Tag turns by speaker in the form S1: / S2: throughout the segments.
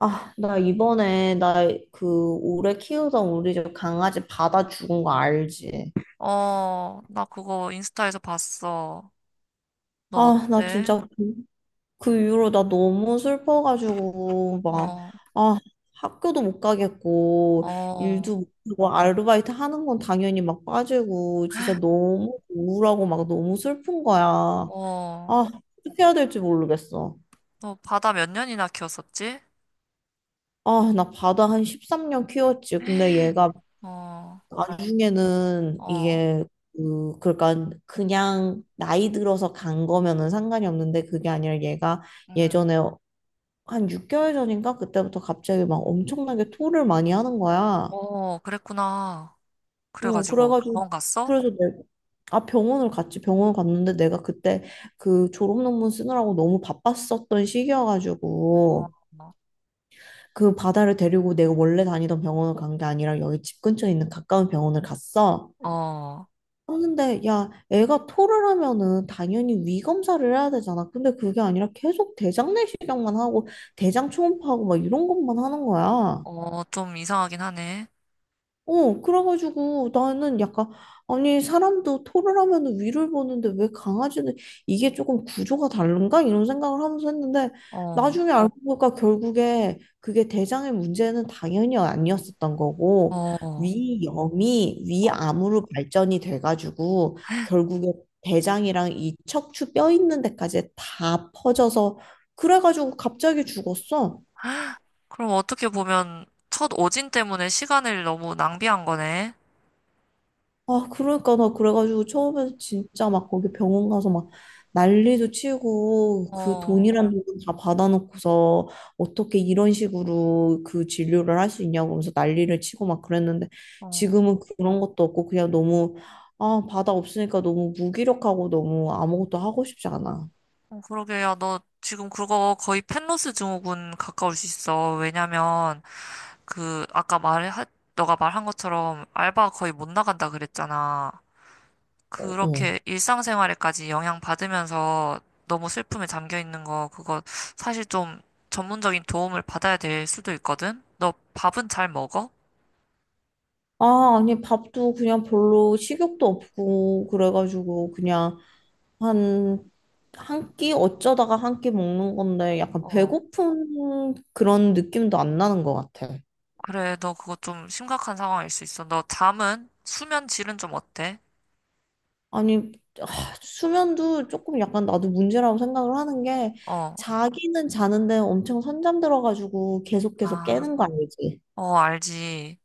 S1: 아, 나 이번에 나 그 오래 키우던 우리 집 강아지 받아 죽은 거 알지?
S2: 어, 나 그거 인스타에서 봤어. 너
S1: 아, 나
S2: 어때?
S1: 진짜 그 이후로 나 너무 슬퍼가지고 막
S2: 어,
S1: 아, 학교도 못 가겠고
S2: 어,
S1: 일도 못 하고 아르바이트 하는 건 당연히 막 빠지고 진짜 너무 우울하고 막 너무 슬픈 거야. 아,
S2: 어.
S1: 어떻게 해야 될지 모르겠어.
S2: 너 바다 몇 년이나 키웠었지?
S1: 아, 나 바다 한 13년 키웠지. 근데 얘가
S2: 어,
S1: 나중에는
S2: 어,
S1: 이게 그 그러니까 그냥 나이 들어서 간 거면은 상관이 없는데 그게 아니라 얘가
S2: 응.
S1: 예전에 한 6개월 전인가 그때부터 갑자기 막 엄청나게 토를 많이 하는 거야.
S2: 어, 그랬구나.
S1: 어
S2: 그래가지고
S1: 그래가지고
S2: 병원 갔어?
S1: 그래서 내가 아 병원을 갔지. 병원 갔는데 내가 그때 그 졸업 논문 쓰느라고 너무 바빴었던 시기여가지고
S2: 어,
S1: 그 바다를 데리고 내가 원래 다니던 병원을 간 게 아니라 여기 집 근처에 있는 가까운 병원을 갔어.
S2: 어,
S1: 근는데 야 애가 토를 하면은 당연히 위 검사를 해야 되잖아. 근데 그게 아니라 계속 대장 내시경만 하고 대장 초음파하고 막 이런 것만 하는 거야.
S2: 어, 좀 이상하긴 하네.
S1: 어, 그래가지고 나는 약간, 아니, 사람도 토를 하면 위를 보는데 왜 강아지는 이게 조금 구조가 다른가? 이런 생각을 하면서 했는데
S2: 어,
S1: 나중에 어, 알고 보니까 결국에 그게 대장의 문제는 당연히 아니었었던 거고
S2: 어,
S1: 위염이
S2: 어.
S1: 위암으로 발전이 돼가지고 결국에 대장이랑 이 척추 뼈 있는 데까지 다 퍼져서 그래가지고 갑자기 죽었어.
S2: 그럼 어떻게 보면 첫 오진 때문에 시간을 너무 낭비한 거네.
S1: 아, 그러니까 나 그래가지고 처음에 진짜 막 거기 병원 가서 막 난리도 치고 그
S2: 어,
S1: 돈이란 응. 돈다 받아놓고서 어떻게 이런 식으로 그 진료를 할 수 있냐고 그러면서 난리를 치고 막 그랬는데
S2: 어.
S1: 지금은 그런 것도 없고 그냥 너무 아, 바다 없으니까 너무 무기력하고 너무 아무것도 하고 싶지 않아.
S2: 어, 그러게, 야, 너 지금 그거 거의 펜로스 증후군 가까울 수 있어. 왜냐면, 그, 너가 말한 것처럼 알바 거의 못 나간다 그랬잖아.
S1: 어, 어.
S2: 그렇게 일상생활에까지 영향 받으면서 너무 슬픔에 잠겨 있는 거, 그거 사실 좀 전문적인 도움을 받아야 될 수도 있거든? 너 밥은 잘 먹어?
S1: 아, 아니 밥도 그냥 별로 식욕도 없고 그래가지고 한, 한 끼, 어쩌다가 한 끼 먹는 건데 약간
S2: 어,
S1: 배고픈 그런 느낌도 안 나는 것 같아.
S2: 그래, 너 그거 좀 심각한 상황일 수 있어. 너 잠은? 수면 질은 좀 어때?
S1: 아니, 아, 수면도 조금 약간 나도 문제라고 생각을 하는 게
S2: 어,
S1: 자기는 자는데 엄청 선잠 들어가지고 계속
S2: 아,
S1: 깨는 거 알지?
S2: 어, 알지.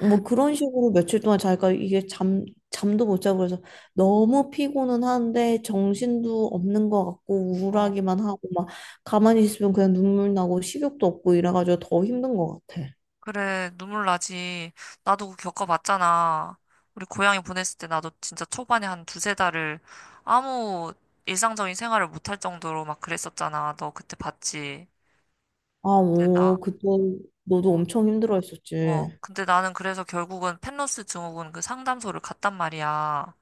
S1: 뭐 그런 식으로 며칠 동안 자기가 이게 잠도 못 자고 그래서 너무 피곤은 한데 정신도 없는 것 같고 우울하기만 하고 막 가만히 있으면 그냥 눈물 나고 식욕도 없고 이래가지고 더 힘든 것 같아.
S2: 그래, 눈물 나지. 나도 그거 겪어봤잖아. 우리 고향에 보냈을 때 나도 진짜 초반에 한 두세 달을 아무 일상적인 생활을 못할 정도로 막 그랬었잖아. 너 그때 봤지?
S1: 아,
S2: 근데 나,
S1: 오, 그때 너도
S2: 어,
S1: 엄청 힘들어
S2: 어.
S1: 했었지.
S2: 근데 나는 그래서 결국은 펜로스 증후군 그 상담소를 갔단 말이야.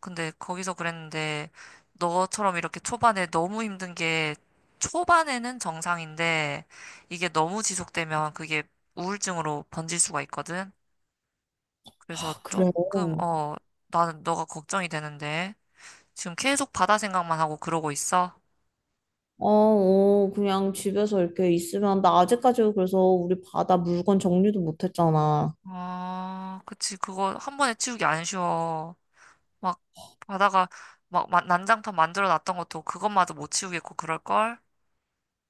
S2: 근데 거기서 그랬는데 너처럼 이렇게 초반에 너무 힘든 게 초반에는 정상인데 이게 너무 지속되면 그게 우울증으로 번질 수가 있거든. 그래서
S1: 아, 그래.
S2: 조금, 어, 나는 너가 걱정이 되는데. 지금 계속 바다 생각만 하고 그러고 있어?
S1: 어, 어, 그냥 집에서 이렇게 있으면 나 아직까지 그래서 우리 바다 물건 정리도 못 했잖아.
S2: 아, 그치. 그거 한 번에 치우기 안 쉬워. 막 바다가 막 난장판 만들어 놨던 것도 그것마저 못 치우겠고 그럴걸?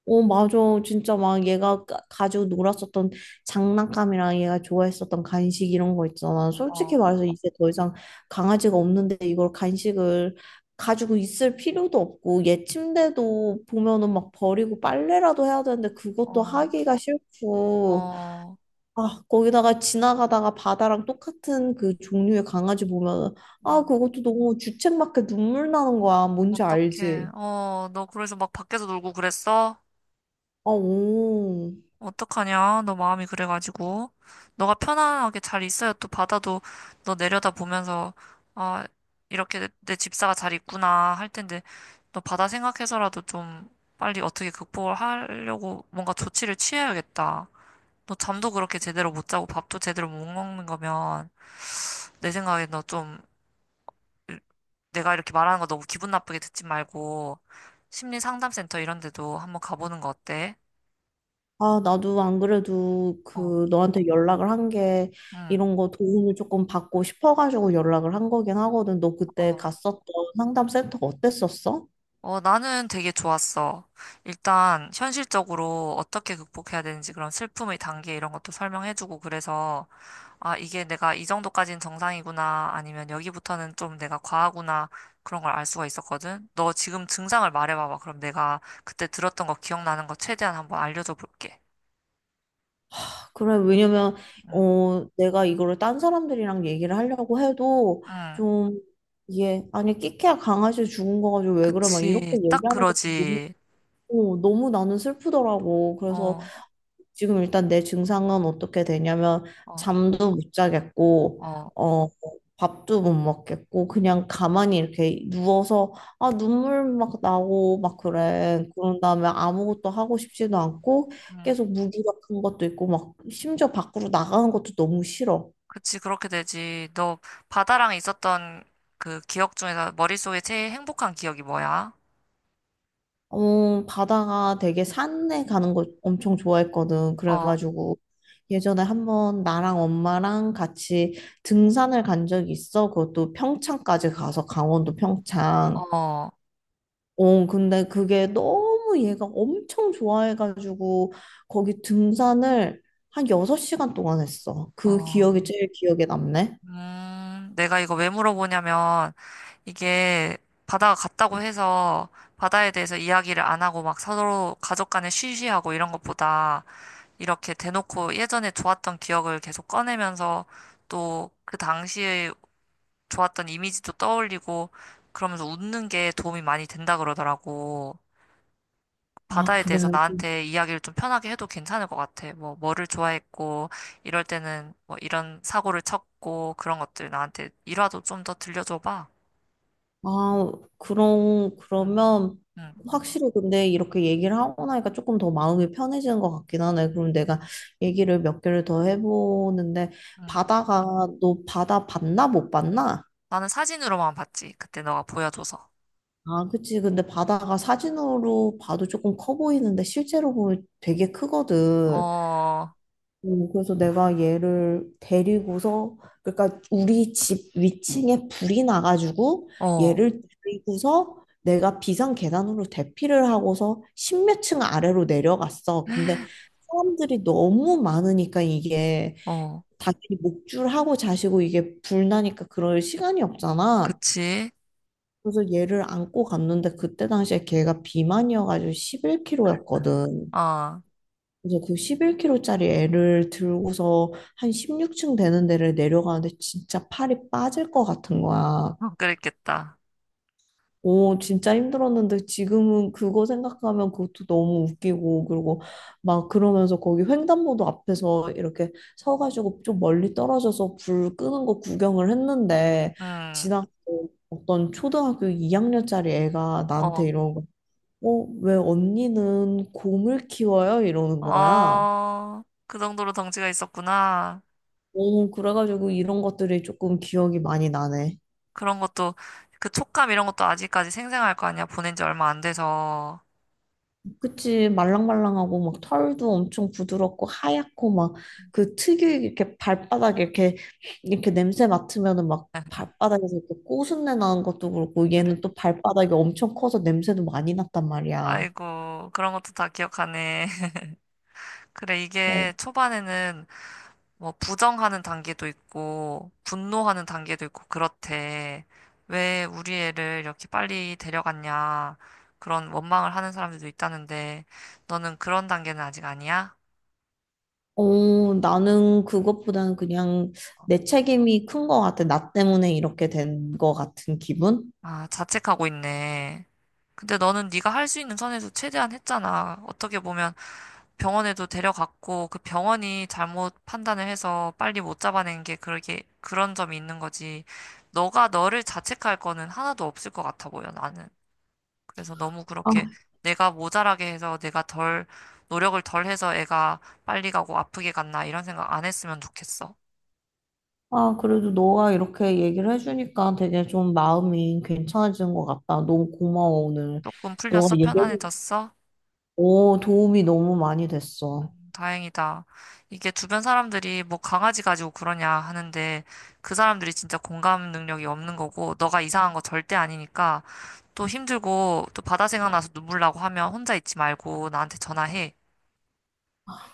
S1: 어, 맞아. 진짜 막 가지고 놀았었던 장난감이랑 얘가 좋아했었던 간식 이런 거 있잖아. 솔직히
S2: 어,
S1: 말해서 이제 더 이상 강아지가 없는데 이걸 간식을 가지고 있을 필요도 없고 얘 침대도 보면은 막 버리고 빨래라도 해야 되는데 그것도
S2: 어,
S1: 하기가 싫고
S2: 어,
S1: 아, 거기다가 지나가다가 바다랑 똑같은 그 종류의 강아지 보면, 아,
S2: 음,
S1: 그것도 너무 주책맞게 눈물 나는 거야. 뭔지
S2: 어떡해.
S1: 알지?
S2: 어, 너 그래서 막 밖에서 놀고 그랬어?
S1: 아, 오.
S2: 어떡하냐? 너 마음이 그래가지고. 너가 편안하게 잘 있어야 또 바다도 너 내려다 보면서, 아, 이렇게 내 집사가 잘 있구나 할 텐데, 너 바다 생각해서라도 좀 빨리 어떻게 극복을 하려고 뭔가 조치를 취해야겠다. 너 잠도 그렇게 제대로 못 자고 밥도 제대로 못 먹는 거면, 내 생각에 너 좀, 내가 이렇게 말하는 거 너무 기분 나쁘게 듣지 말고, 심리 상담센터 이런 데도 한번 가보는 거 어때?
S1: 아, 나도 안 그래도
S2: 어,
S1: 그 너한테 연락을 한 게
S2: 응,
S1: 이런 거 도움을 조금 받고 싶어가지고 연락을 한 거긴 하거든. 너 그때
S2: 어.
S1: 갔었던 상담센터가 어땠었어?
S2: 어, 나는 되게 좋았어. 일단, 현실적으로 어떻게 극복해야 되는지 그런 슬픔의 단계 이런 것도 설명해주고 그래서, 아, 이게 내가 이 정도까지는 정상이구나, 아니면 여기부터는 좀 내가 과하구나, 그런 걸 알 수가 있었거든. 너 지금 증상을 말해봐봐. 그럼 내가 그때 들었던 거 기억나는 거 최대한 한번 알려줘 볼게.
S1: 그래, 왜냐면,
S2: 응,
S1: 어, 내가 이거를 딴 사람들이랑 얘기를 하려고 해도
S2: 응,
S1: 좀, 이게, 아니, 끼케야 강아지 죽은 거 가지고 왜 그래? 막 이렇게
S2: 그치. 딱
S1: 얘기하는 것도 너무,
S2: 그러지.
S1: 어, 너무 나는 슬프더라고. 그래서
S2: 어,
S1: 지금 일단 내 증상은 어떻게 되냐면
S2: 어,
S1: 잠도 못 자겠고
S2: 어.
S1: 어 밥도 못 먹겠고 그냥 가만히 이렇게 누워서 아 눈물 막 나고 막 그래. 그런 다음에 아무것도 하고 싶지도 않고
S2: 응.
S1: 계속 무기력한 것도 있고 막 심지어 밖으로 나가는 것도 너무 싫어.
S2: 그치, 그렇게 되지. 너 바다랑 있었던 그 기억 중에서 머릿속에 제일 행복한 기억이 뭐야?
S1: 어, 바다가 되게 산에 가는 거 엄청 좋아했거든.
S2: 어,
S1: 그래가지고 예전에 한번 나랑 엄마랑 같이 등산을 간 적이 있어. 그것도 평창까지 가서 강원도 평창.
S2: 어,
S1: 어, 근데 그게 너무 얘가 엄청 좋아해가지고 거기 등산을 한 6시간 동안 했어. 그
S2: 어.
S1: 기억이 제일 기억에 남네.
S2: 내가 이거 왜 물어보냐면, 이게 바다가 같다고 해서 바다에 대해서 이야기를 안 하고 막 서로 가족 간에 쉬쉬하고 이런 것보다 이렇게 대놓고 예전에 좋았던 기억을 계속 꺼내면서 또 그 당시에 좋았던 이미지도 떠올리고 그러면서 웃는 게 도움이 많이 된다 그러더라고.
S1: 아,
S2: 바다에
S1: 그래.
S2: 대해서 나한테 이야기를 좀 편하게 해도 괜찮을 것 같아. 뭐를 좋아했고, 이럴 때는 뭐 이런 사고를 쳤고, 그런 것들 나한테 일화도 좀 더 들려줘봐.
S1: 아,
S2: 응,
S1: 그러면
S2: 응,
S1: 확실히 근데 이렇게 얘기를 하고 나니까 조금 더 마음이 편해지는 것 같긴 하네. 그럼 내가 얘기를 몇 개를 더 해보는데,
S2: 응.
S1: 바다가, 너 바다 봤나? 못 봤나?
S2: 나는 사진으로만 봤지. 그때 너가 보여줘서.
S1: 아, 그치. 근데 바다가 사진으로 봐도 조금 커 보이는데, 실제로 보면 되게 크거든.
S2: 어,
S1: 그래서 내가 얘를 데리고서 그러니까 우리 집 위층에 불이 나가지고
S2: 어,
S1: 얘를 데리고서 내가 비상 계단으로 대피를 하고서 십몇 층 아래로 내려갔어. 근데 사람들이 너무 많으니까 이게
S2: 어,
S1: 당연히 목줄하고 자시고 이게 불 나니까 그럴 시간이 없잖아.
S2: 그치?
S1: 그래서 얘를 안고 갔는데 그때 당시에 걔가 비만이어가지고 11kg였거든.
S2: 어,
S1: 그래서 그 11kg짜리 애를 들고서 한 16층 되는 데를 내려가는데 진짜 팔이 빠질 것 같은 거야.
S2: 그랬겠다.
S1: 오, 진짜 힘들었는데 지금은 그거 생각하면 그것도 너무 웃기고 그리고 막 그러면서 거기 횡단보도 앞에서 이렇게 서가지고 좀 멀리 떨어져서 불 끄는 거 구경을 했는데
S2: 응,
S1: 지나가 어떤 초등학교 2학년짜리 애가
S2: 어,
S1: 나한테 이러는 거, 어, 왜 언니는 곰을 키워요? 이러는 거야.
S2: 어, 그 정도로 덩치가 있었구나.
S1: 오, 그래가지고 이런 것들이 조금 기억이 많이 나네.
S2: 그런 것도, 그 촉감 이런 것도 아직까지 생생할 거 아니야. 보낸 지 얼마 안 돼서.
S1: 그치, 말랑말랑하고 막 털도 엄청 부드럽고 하얗고 막 그 특유의 이렇게 발바닥에 이렇게 냄새 맡으면은 막 발바닥에서 이렇게 꼬순내 나는 것도 그렇고 얘는
S2: 그래.
S1: 또 발바닥이 엄청 커서 냄새도 많이 났단 말이야.
S2: 아이고, 그런 것도 다 기억하네. 그래,
S1: 어.
S2: 이게 초반에는 뭐 부정하는 단계도 있고, 분노하는 단계도 있고, 그렇대. 왜 우리 애를 이렇게 빨리 데려갔냐. 그런 원망을 하는 사람들도 있다는데, 너는 그런 단계는 아직 아니야?
S1: 어, 나는 그것보다는 그냥 내 책임이 큰 것 같아. 나 때문에 이렇게 된 것 같은 기분?
S2: 아, 자책하고 있네. 근데 너는 네가 할 수 있는 선에서 최대한 했잖아. 어떻게 보면 병원에도 데려갔고 그 병원이 잘못 판단을 해서 빨리 못 잡아낸 게 그렇게 그런 점이 있는 거지. 너가 너를 자책할 거는 하나도 없을 것 같아 보여, 나는. 그래서 너무 그렇게 내가 모자라게 해서 내가 덜 노력을 덜 해서 애가 빨리 가고 아프게 갔나 이런 생각 안 했으면 좋겠어.
S1: 아, 그래도 너가 이렇게 얘기를 해주니까 되게 좀 마음이 괜찮아지는 것 같다. 너무 고마워, 오늘.
S2: 조금
S1: 너가
S2: 풀렸어?
S1: 얘기해,
S2: 편안해졌어?
S1: 오, 도움이 너무 많이 됐어.
S2: 다행이다. 이게 주변 사람들이 뭐 강아지 가지고 그러냐 하는데 그 사람들이 진짜 공감 능력이 없는 거고 너가 이상한 거 절대 아니니까 또 힘들고 또 바다 생각나서 눈물 나고 하면 혼자 있지 말고 나한테 전화해.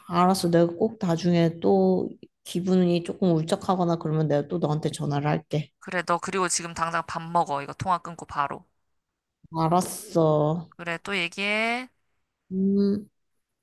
S1: 알았어. 내가 꼭 나중에 또 기분이 조금 울적하거나 그러면 내가 또 너한테 전화를 할게.
S2: 그래, 너 그리고 지금 당장 밥 먹어. 이거 통화 끊고 바로.
S1: 알았어.
S2: 그래, 또 얘기해.
S1: 음.